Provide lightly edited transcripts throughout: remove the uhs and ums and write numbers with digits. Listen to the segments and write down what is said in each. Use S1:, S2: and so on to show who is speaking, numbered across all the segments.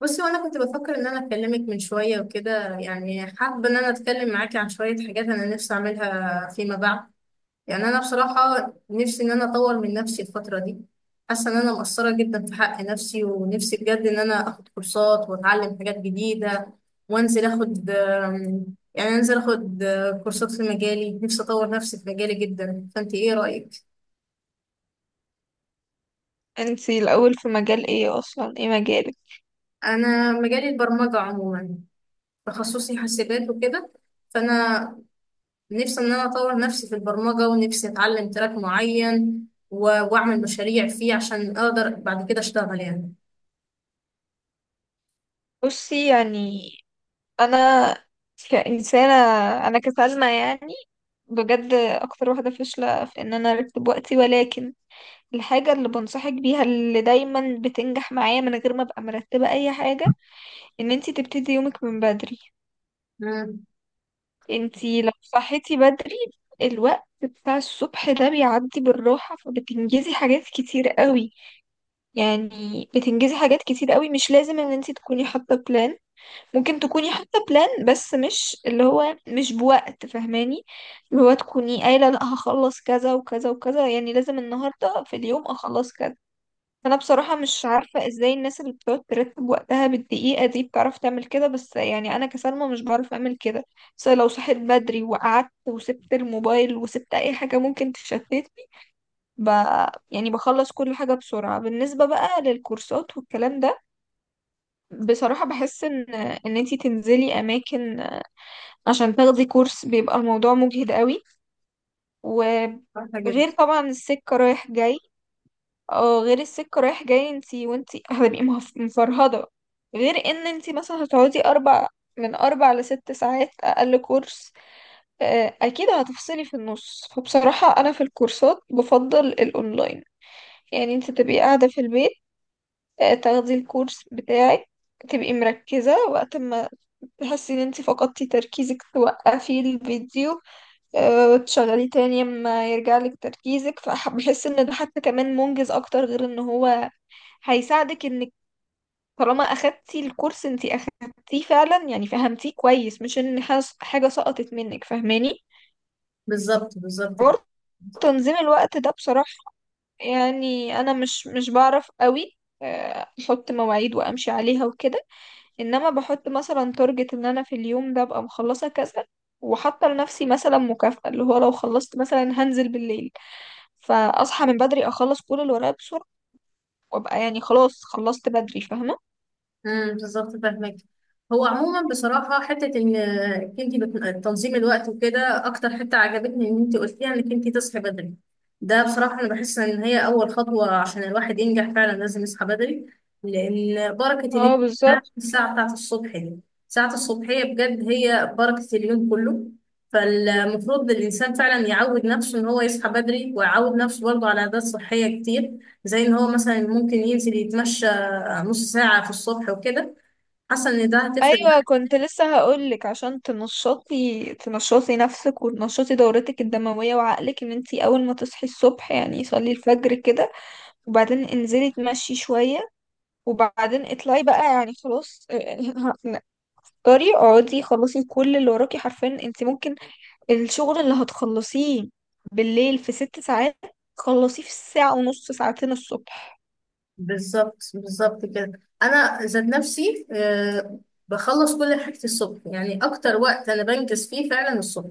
S1: بصي، وانا كنت بفكر ان انا اكلمك من شويه وكده، يعني حابه ان انا اتكلم معاكي عن شويه حاجات انا نفسي اعملها فيما بعد. يعني انا بصراحه نفسي ان انا اطور من نفسي الفتره دي. حاسه ان انا مقصره جدا في حق نفسي، ونفسي بجد ان انا اخد كورسات واتعلم حاجات جديده وانزل اخد يعني انزل اخد كورسات في مجالي. نفسي اطور نفسي في مجالي جدا. فانت ايه رايك؟
S2: انتي الاول في مجال ايه؟ اصلا ايه مجالك؟
S1: انا مجالي البرمجه عموما. تخصصي حاسبات وكده. فانا نفسي ان انا اطور نفسي في البرمجة، ونفسي اتعلم تراك معين واعمل مشاريع فيه عشان اقدر بعد كده اشتغل يعني.
S2: بصي يعني انا كإنسانة، انا كسلمى يعني بجد اكتر واحدة فاشلة في ان انا ارتب وقتي، ولكن الحاجة اللي بنصحك بيها اللي دايما بتنجح معايا من غير ما ابقى مرتبة اي حاجة، ان انتي تبتدي يومك من بدري.
S1: امم.
S2: انتي لو صحيتي بدري، الوقت بتاع الصبح ده بيعدي بالراحة فبتنجزي حاجات كتير قوي. يعني بتنجزي حاجات كتير قوي، مش لازم ان انتي تكوني حاطة بلان. ممكن تكوني حاطة بلان بس مش اللي هو مش بوقت، فاهماني؟ اللي هو تكوني قايلة لا، هخلص كذا وكذا وكذا، يعني لازم النهاردة في اليوم اخلص كذا. فانا بصراحة مش عارفة ازاي الناس اللي بتقعد ترتب وقتها بالدقيقة دي بتعرف تعمل كده، بس يعني انا كسلمى مش بعرف اعمل كده. بس لو صحيت بدري وقعدت وسبت الموبايل وسبت اي حاجة ممكن تشتتني، ب... يعني بخلص كل حاجة بسرعة. بالنسبة بقى للكورسات والكلام ده، بصراحة بحس ان انتي تنزلي اماكن عشان تاخدي كورس بيبقى الموضوع مجهد قوي،
S1: صح جدا.
S2: وغير طبعا السكة رايح جاي. اه، غير السكة رايح جاي انتي وانتي هتبقي مفرهدة، غير ان انتي مثلا هتقعدي اربع، من اربع لست ساعات اقل كورس. اكيد هتفصلي في النص. فبصراحة انا في الكورسات بفضل الاونلاين، يعني انتي تبقي قاعدة في البيت، تاخدي الكورس بتاعك، تبقي مركزة. وقت ما تحسي ان انتي فقدتي تركيزك توقفي الفيديو، تشغليه تاني اما يرجع لك تركيزك. فبحس ان ده حتى كمان منجز اكتر، غير ان هو هيساعدك انك، طالما اخدتي الكورس، انتي اخدتيه فعلا، يعني فهمتيه كويس، مش ان حاجة سقطت منك. فاهماني؟
S1: بالظبط بالظبط كده.
S2: حوار تنظيم الوقت ده بصراحة، يعني انا مش بعرف قوي احط مواعيد وامشي عليها وكده. انما بحط مثلا تارجت ان انا في اليوم ده ابقى مخلصة كذا، وحاطة لنفسي مثلا مكافأة اللي هو لو خلصت مثلا هنزل بالليل. فاصحى من بدري اخلص كل اللي ورايا بسرعه، وابقى يعني خلاص خلصت بدري، فاهمه؟
S1: بالظبط فاهمك. هو عموما بصراحه حته ان انت تنظيم الوقت وكده اكتر حته عجبتني، ان انت قلتيها انك انت تصحي بدري. ده بصراحه انا بحس ان هي اول خطوه. عشان الواحد ينجح فعلا لازم يصحى بدري، لان بركه
S2: اه،
S1: اليوم ده
S2: بالظبط.
S1: الساعه بتاعه الصبح دي. ساعه الصبحيه بجد هي بركه اليوم كله. فالمفروض الانسان فعلا يعود نفسه ان هو يصحى بدري، ويعود نفسه برضه على عادات صحيه كتير، زي ان هو مثلا ممكن ينزل يتمشى نص ساعة في الصبح وكده. حاسة إن ده هتفرق
S2: ايوه،
S1: معايا.
S2: كنت لسه هقولك عشان تنشطي، تنشطي نفسك وتنشطي دورتك الدمويه وعقلك، ان انتي اول ما تصحي الصبح يعني صلي الفجر كده، وبعدين انزلي تمشي شويه، وبعدين اطلعي بقى يعني خلاص يعني اقدري اقعدي خلصي كل اللي وراكي. حرفيا انتي ممكن الشغل اللي هتخلصيه بالليل في ست ساعات تخلصيه في الساعه ونص ساعتين الصبح.
S1: بالظبط بالظبط كده. أنا ذات نفسي بخلص كل حاجتي الصبح. يعني أكتر وقت أنا بنجز فيه فعلا الصبح.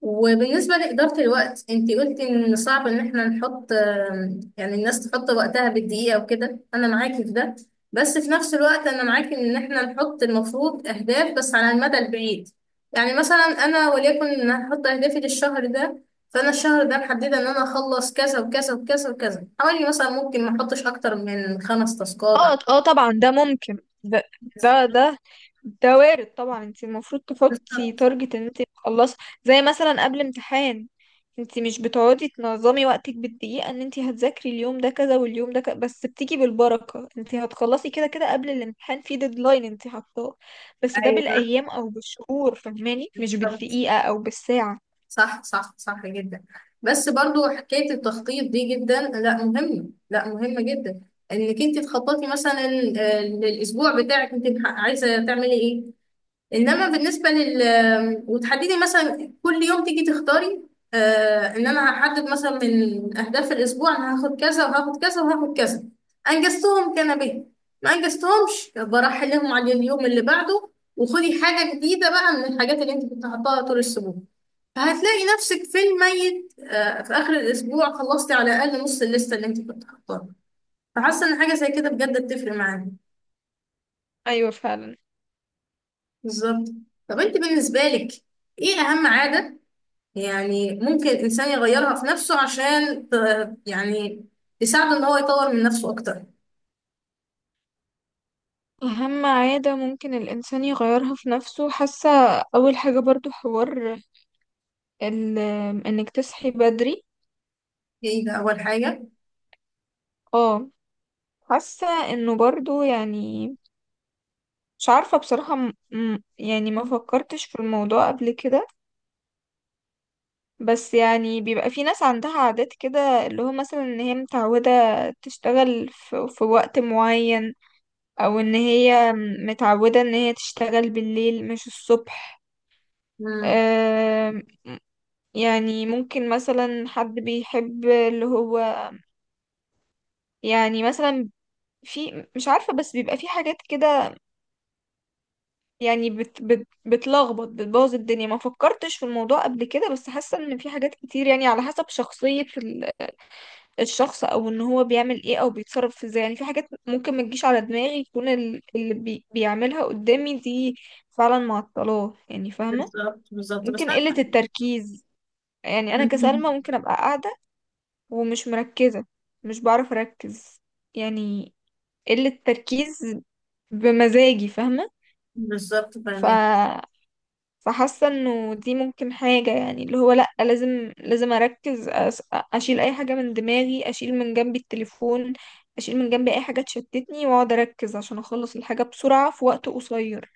S1: وبالنسبة لإدارة الوقت، انتي قلتي ان صعب ان احنا نحط يعني الناس تحط وقتها بالدقيقة وكده، انا معاكي في ده. بس في نفس الوقت انا معاكي ان احنا نحط المفروض اهداف بس على المدى البعيد. يعني مثلا، انا وليكن ان هحط اهدافي للشهر ده. فانا الشهر ده محددة ان انا اخلص كذا وكذا وكذا وكذا، حوالي مثلا ممكن ما احطش اكتر من 5 تاسكات.
S2: اه اه، طبعا ده ممكن. ده ده ده, ده وارد طبعا. انت المفروض تحطي
S1: بالظبط.
S2: تارجت ان انت تخلصي، زي مثلا قبل امتحان، انت مش بتقعدي تنظمي وقتك بالدقيقة ان انت هتذاكري اليوم ده كذا واليوم ده كذا، بس بتيجي بالبركة، انت هتخلصي كده كده قبل الامتحان، في ديدلاين انت حاطاه، بس ده
S1: ايوه
S2: بالايام او بالشهور، فاهماني؟ مش
S1: بالظبط.
S2: بالدقيقة او بالساعة.
S1: صح صح صح جدا. بس برضو حكاية التخطيط دي جدا لا مهمة، لا مهمة جدا. انك انت تخططي مثلا للاسبوع بتاعك انت عايزة تعملي ايه. انما بالنسبة لل وتحددي مثلا كل يوم تيجي تختاري، ان انا هحدد مثلا من اهداف الاسبوع انا هاخد كذا وهاخد كذا وهاخد كذا. انجزتهم كان به، ما انجزتهمش برحلهم على اليوم اللي بعده، وخدي حاجة جديدة بقى من الحاجات اللي انت كنت حاطاها طول الاسبوع. فهتلاقي نفسك في الميت آه، في آخر الأسبوع خلصتي على الأقل نص الليستة اللي أنت كنت حاطاها. فحاسة إن حاجة زي كده بجد بتفرق معانا.
S2: ايوه فعلا.
S1: بالظبط. طب أنت بالنسبة لك إيه أهم عادة يعني ممكن الإنسان يغيرها في نفسه عشان يعني تساعده إن هو يطور من نفسه أكتر؟
S2: أهم عادة ممكن الإنسان يغيرها في نفسه، حاسة أول حاجة برضو حوار ال- انك تصحي بدري.
S1: إيه ده أول حاجة؟
S2: اه، حاسة انه برضو يعني، مش عارفة بصراحة يعني ما فكرتش في الموضوع قبل كده، بس يعني بيبقى في ناس عندها عادات كده، اللي هو مثلا ان هي متعودة تشتغل في وقت معين، او ان هي متعودة ان هي تشتغل بالليل مش الصبح.
S1: مم.
S2: أم... يعني ممكن مثلا حد بيحب اللي هو، يعني مثلا في، مش عارفة، بس بيبقى في حاجات كده، يعني بت بت بتلخبط بتبوظ الدنيا. ما فكرتش في الموضوع قبل كده، بس حاسة ان في حاجات كتير يعني على حسب شخصية الشخص، او ان هو بيعمل ايه او بيتصرف ازاي، يعني في حاجات ممكن ما تجيش على دماغي يكون اللي بيعملها قدامي دي فعلا معطلاه، يعني فاهمة؟
S1: بالظبط بالظبط
S2: ممكن قلة التركيز، يعني انا
S1: مم.
S2: كسلمى ممكن ابقى قاعدة ومش مركزة، مش بعرف اركز. يعني قلة تركيز بمزاجي، فاهمة؟
S1: بالظبط
S2: ف
S1: فاهمك.
S2: فحاسه انه دي ممكن حاجه، يعني اللي هو لا، لازم اركز. اشيل اي حاجه من دماغي، اشيل من جنبي التليفون، اشيل من جنبي اي حاجه تشتتني، واقعد اركز عشان اخلص الحاجه بسرعه في وقت قصير.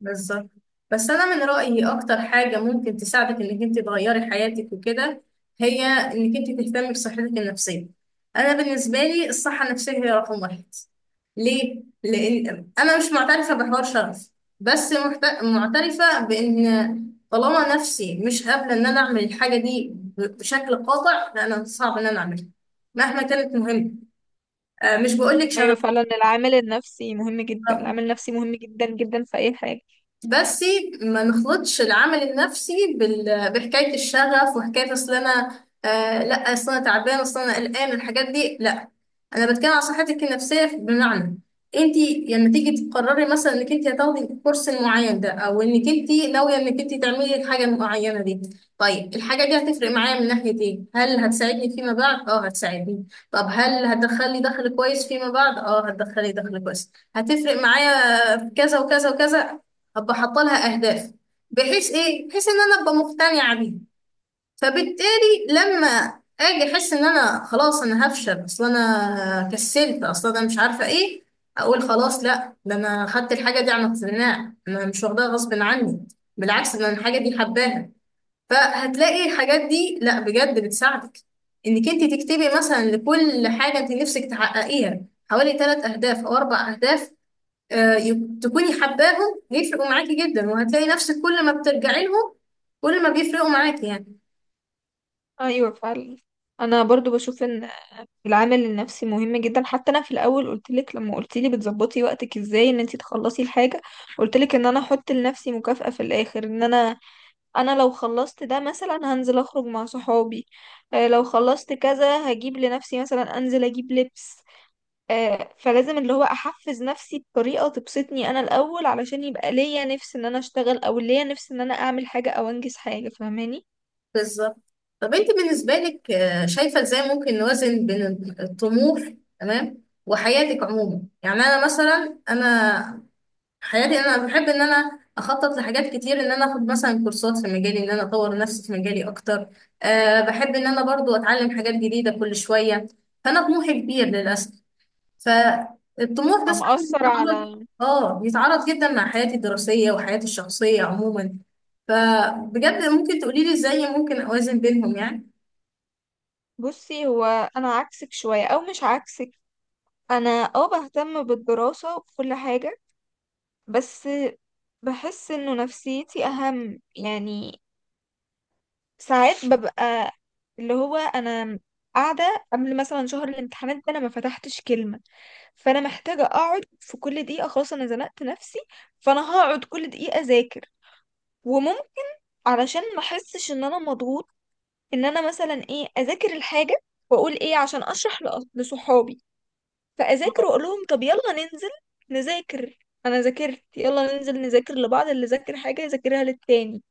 S1: بالظبط بس انا من رايي اكتر حاجه ممكن تساعدك انك انت تغيري حياتك وكده، هي انك انت تهتمي بصحتك النفسيه. انا بالنسبه لي الصحه النفسيه هي رقم واحد. ليه؟ لان انا مش معترفه بحوار شرف. بس معترفه بان طالما نفسي مش قابله ان انا اعمل الحاجه دي بشكل قاطع، فانا صعب ان انا اعملها، مهما كانت مهمه. مش بقول لك
S2: ايوه
S1: شرف.
S2: فعلا، العامل النفسي مهم جدا. العامل النفسي مهم جدا جدا في اي حاجه.
S1: بس ما نخلطش العمل النفسي بحكاية الشغف وحكاية اصل انا لا، اصل انا تعبان، اصل انا قلقان، الحاجات دي لا. انا بتكلم عن صحتك النفسيه، بمعنى انت لما تيجي تقرري مثلا انك انت هتاخدي الكورس المعين ده، او انك انت ناويه انك انت تعملي الحاجه المعينه دي، طيب الحاجه دي هتفرق معايا من ناحيه ايه؟ هل هتساعدني فيما بعد؟ اه هتساعدني. طب هل هتدخلي دخل كويس فيما بعد؟ اه هتدخلي دخل كويس، هتفرق معايا في كذا وكذا وكذا. ابقى حاطه لها اهداف، بحيث ايه؟ بحيث ان انا ابقى مقتنعه بيها. فبالتالي لما اجي احس ان انا خلاص انا هفشل، اصل انا كسلت، اصل انا مش عارفه ايه، اقول خلاص لا، ده انا خدت الحاجه دي عن اقتناع، انا مش واخداها غصب عني، بالعكس، ده انا الحاجه دي حباها. فهتلاقي الحاجات دي لا بجد بتساعدك انك انت تكتبي مثلا لكل حاجه انت نفسك تحققيها حوالي 3 اهداف او 4 اهداف. تكوني حباهم هيفرقوا معاكي جدا، وهتلاقي نفسك كل ما بترجعي لهم، كل ما بيفرقوا معاكي يعني.
S2: ايوه فعلا، انا برضو بشوف ان العامل النفسي مهم جدا. حتى انا في الاول قلت لك لما قلت لي بتظبطي وقتك ازاي ان انت تخلصي الحاجه، قلت لك ان انا احط لنفسي مكافأة في الاخر، ان انا لو خلصت ده مثلا هنزل اخرج مع صحابي، لو خلصت كذا هجيب لنفسي مثلا، انزل اجيب لبس. فلازم اللي هو احفز نفسي بطريقة تبسطني انا الاول، علشان يبقى ليا نفس ان انا اشتغل، او ليا نفس ان انا اعمل حاجة او انجز حاجة، فاهماني؟
S1: بالظبط. طب انت بالنسبة لك شايفة ازاي ممكن نوازن بين الطموح، تمام، وحياتك عموما؟ يعني انا مثلا، انا حياتي انا بحب ان انا اخطط لحاجات كتير، ان انا اخد مثلا كورسات في مجالي، ان انا اطور نفسي في مجالي اكتر. أه بحب ان انا برضو اتعلم حاجات جديدة كل شوية. فانا طموحي كبير للاسف. فالطموح ده ساعات
S2: فمأثر
S1: بيتعارض.
S2: على،
S1: اه بيتعارض جدا مع حياتي الدراسية وحياتي الشخصية عموما. فبجد ممكن تقولي لي ازاي ممكن اوازن بينهم يعني.
S2: بصي هو، انا عكسك شوية او مش عكسك. انا اه بهتم بالدراسة وكل حاجة، بس بحس انه نفسيتي اهم يعني. ساعات ببقى اللي هو انا قاعده قبل مثلا شهر الامتحانات ده انا ما فتحتش كلمه، فانا محتاجه اقعد في كل دقيقه، خلاص انا زنقت نفسي، فانا هقعد كل دقيقه اذاكر. وممكن علشان ما احسش ان انا مضغوط، ان انا مثلا ايه، اذاكر الحاجه واقول ايه عشان اشرح لصحابي، فاذاكر واقول لهم طب يلا ننزل نذاكر، انا ذاكرت يلا ننزل نذاكر لبعض، اللي ذاكر حاجه يذاكرها للتاني،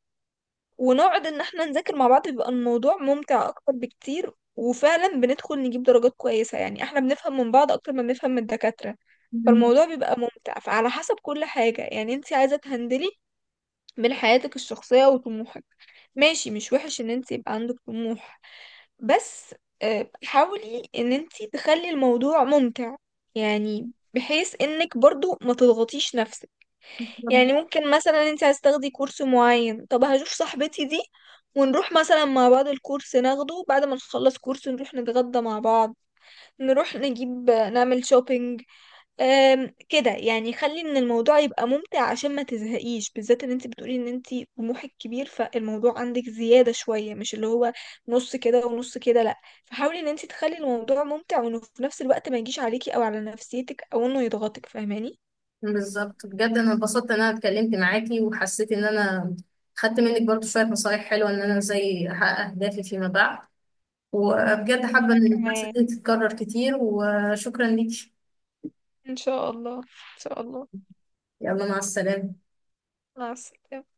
S2: ونقعد ان احنا نذاكر مع بعض. بيبقى الموضوع ممتع اكتر بكتير، وفعلا بندخل نجيب درجات كويسة، يعني احنا بنفهم من بعض اكتر ما بنفهم من الدكاترة.
S1: مم.
S2: فالموضوع بيبقى ممتع. فعلى حسب كل حاجة يعني انت عايزة تهندلي من حياتك الشخصية وطموحك. ماشي، مش وحش ان انت يبقى عندك طموح، بس حاولي ان انت تخلي الموضوع ممتع، يعني بحيث انك برضو ما تضغطيش نفسك. يعني ممكن مثلا انت عايز تاخدي كورس معين، طب هشوف صاحبتي دي ونروح مثلا مع بعض الكورس ناخده، بعد ما نخلص كورس نروح نتغدى مع بعض، نروح نجيب نعمل شوبينج. أم كده يعني، خلي ان الموضوع يبقى ممتع عشان ما تزهقيش، بالذات ان انت بتقولي ان انت طموحك كبير، فالموضوع عندك زيادة شوية، مش اللي هو نص كده ونص كده، لا. فحاولي ان انت تخلي الموضوع ممتع، وانه في نفس الوقت ما يجيش عليكي او على نفسيتك، او انه يضغطك، فاهماني؟
S1: بالظبط بجد انا اتبسطت ان انا اتكلمت معاكي، وحسيت ان انا خدت منك برضو شوية نصايح حلوة ان انا ازاي احقق اهدافي فيما بعد. وبجد حابة
S2: وانا
S1: ان المحادثة
S2: كمان،
S1: دي تتكرر كتير، وشكرا ليكي.
S2: إن شاء الله، إن شاء الله.
S1: يلا، مع السلامة.
S2: مع السلامة.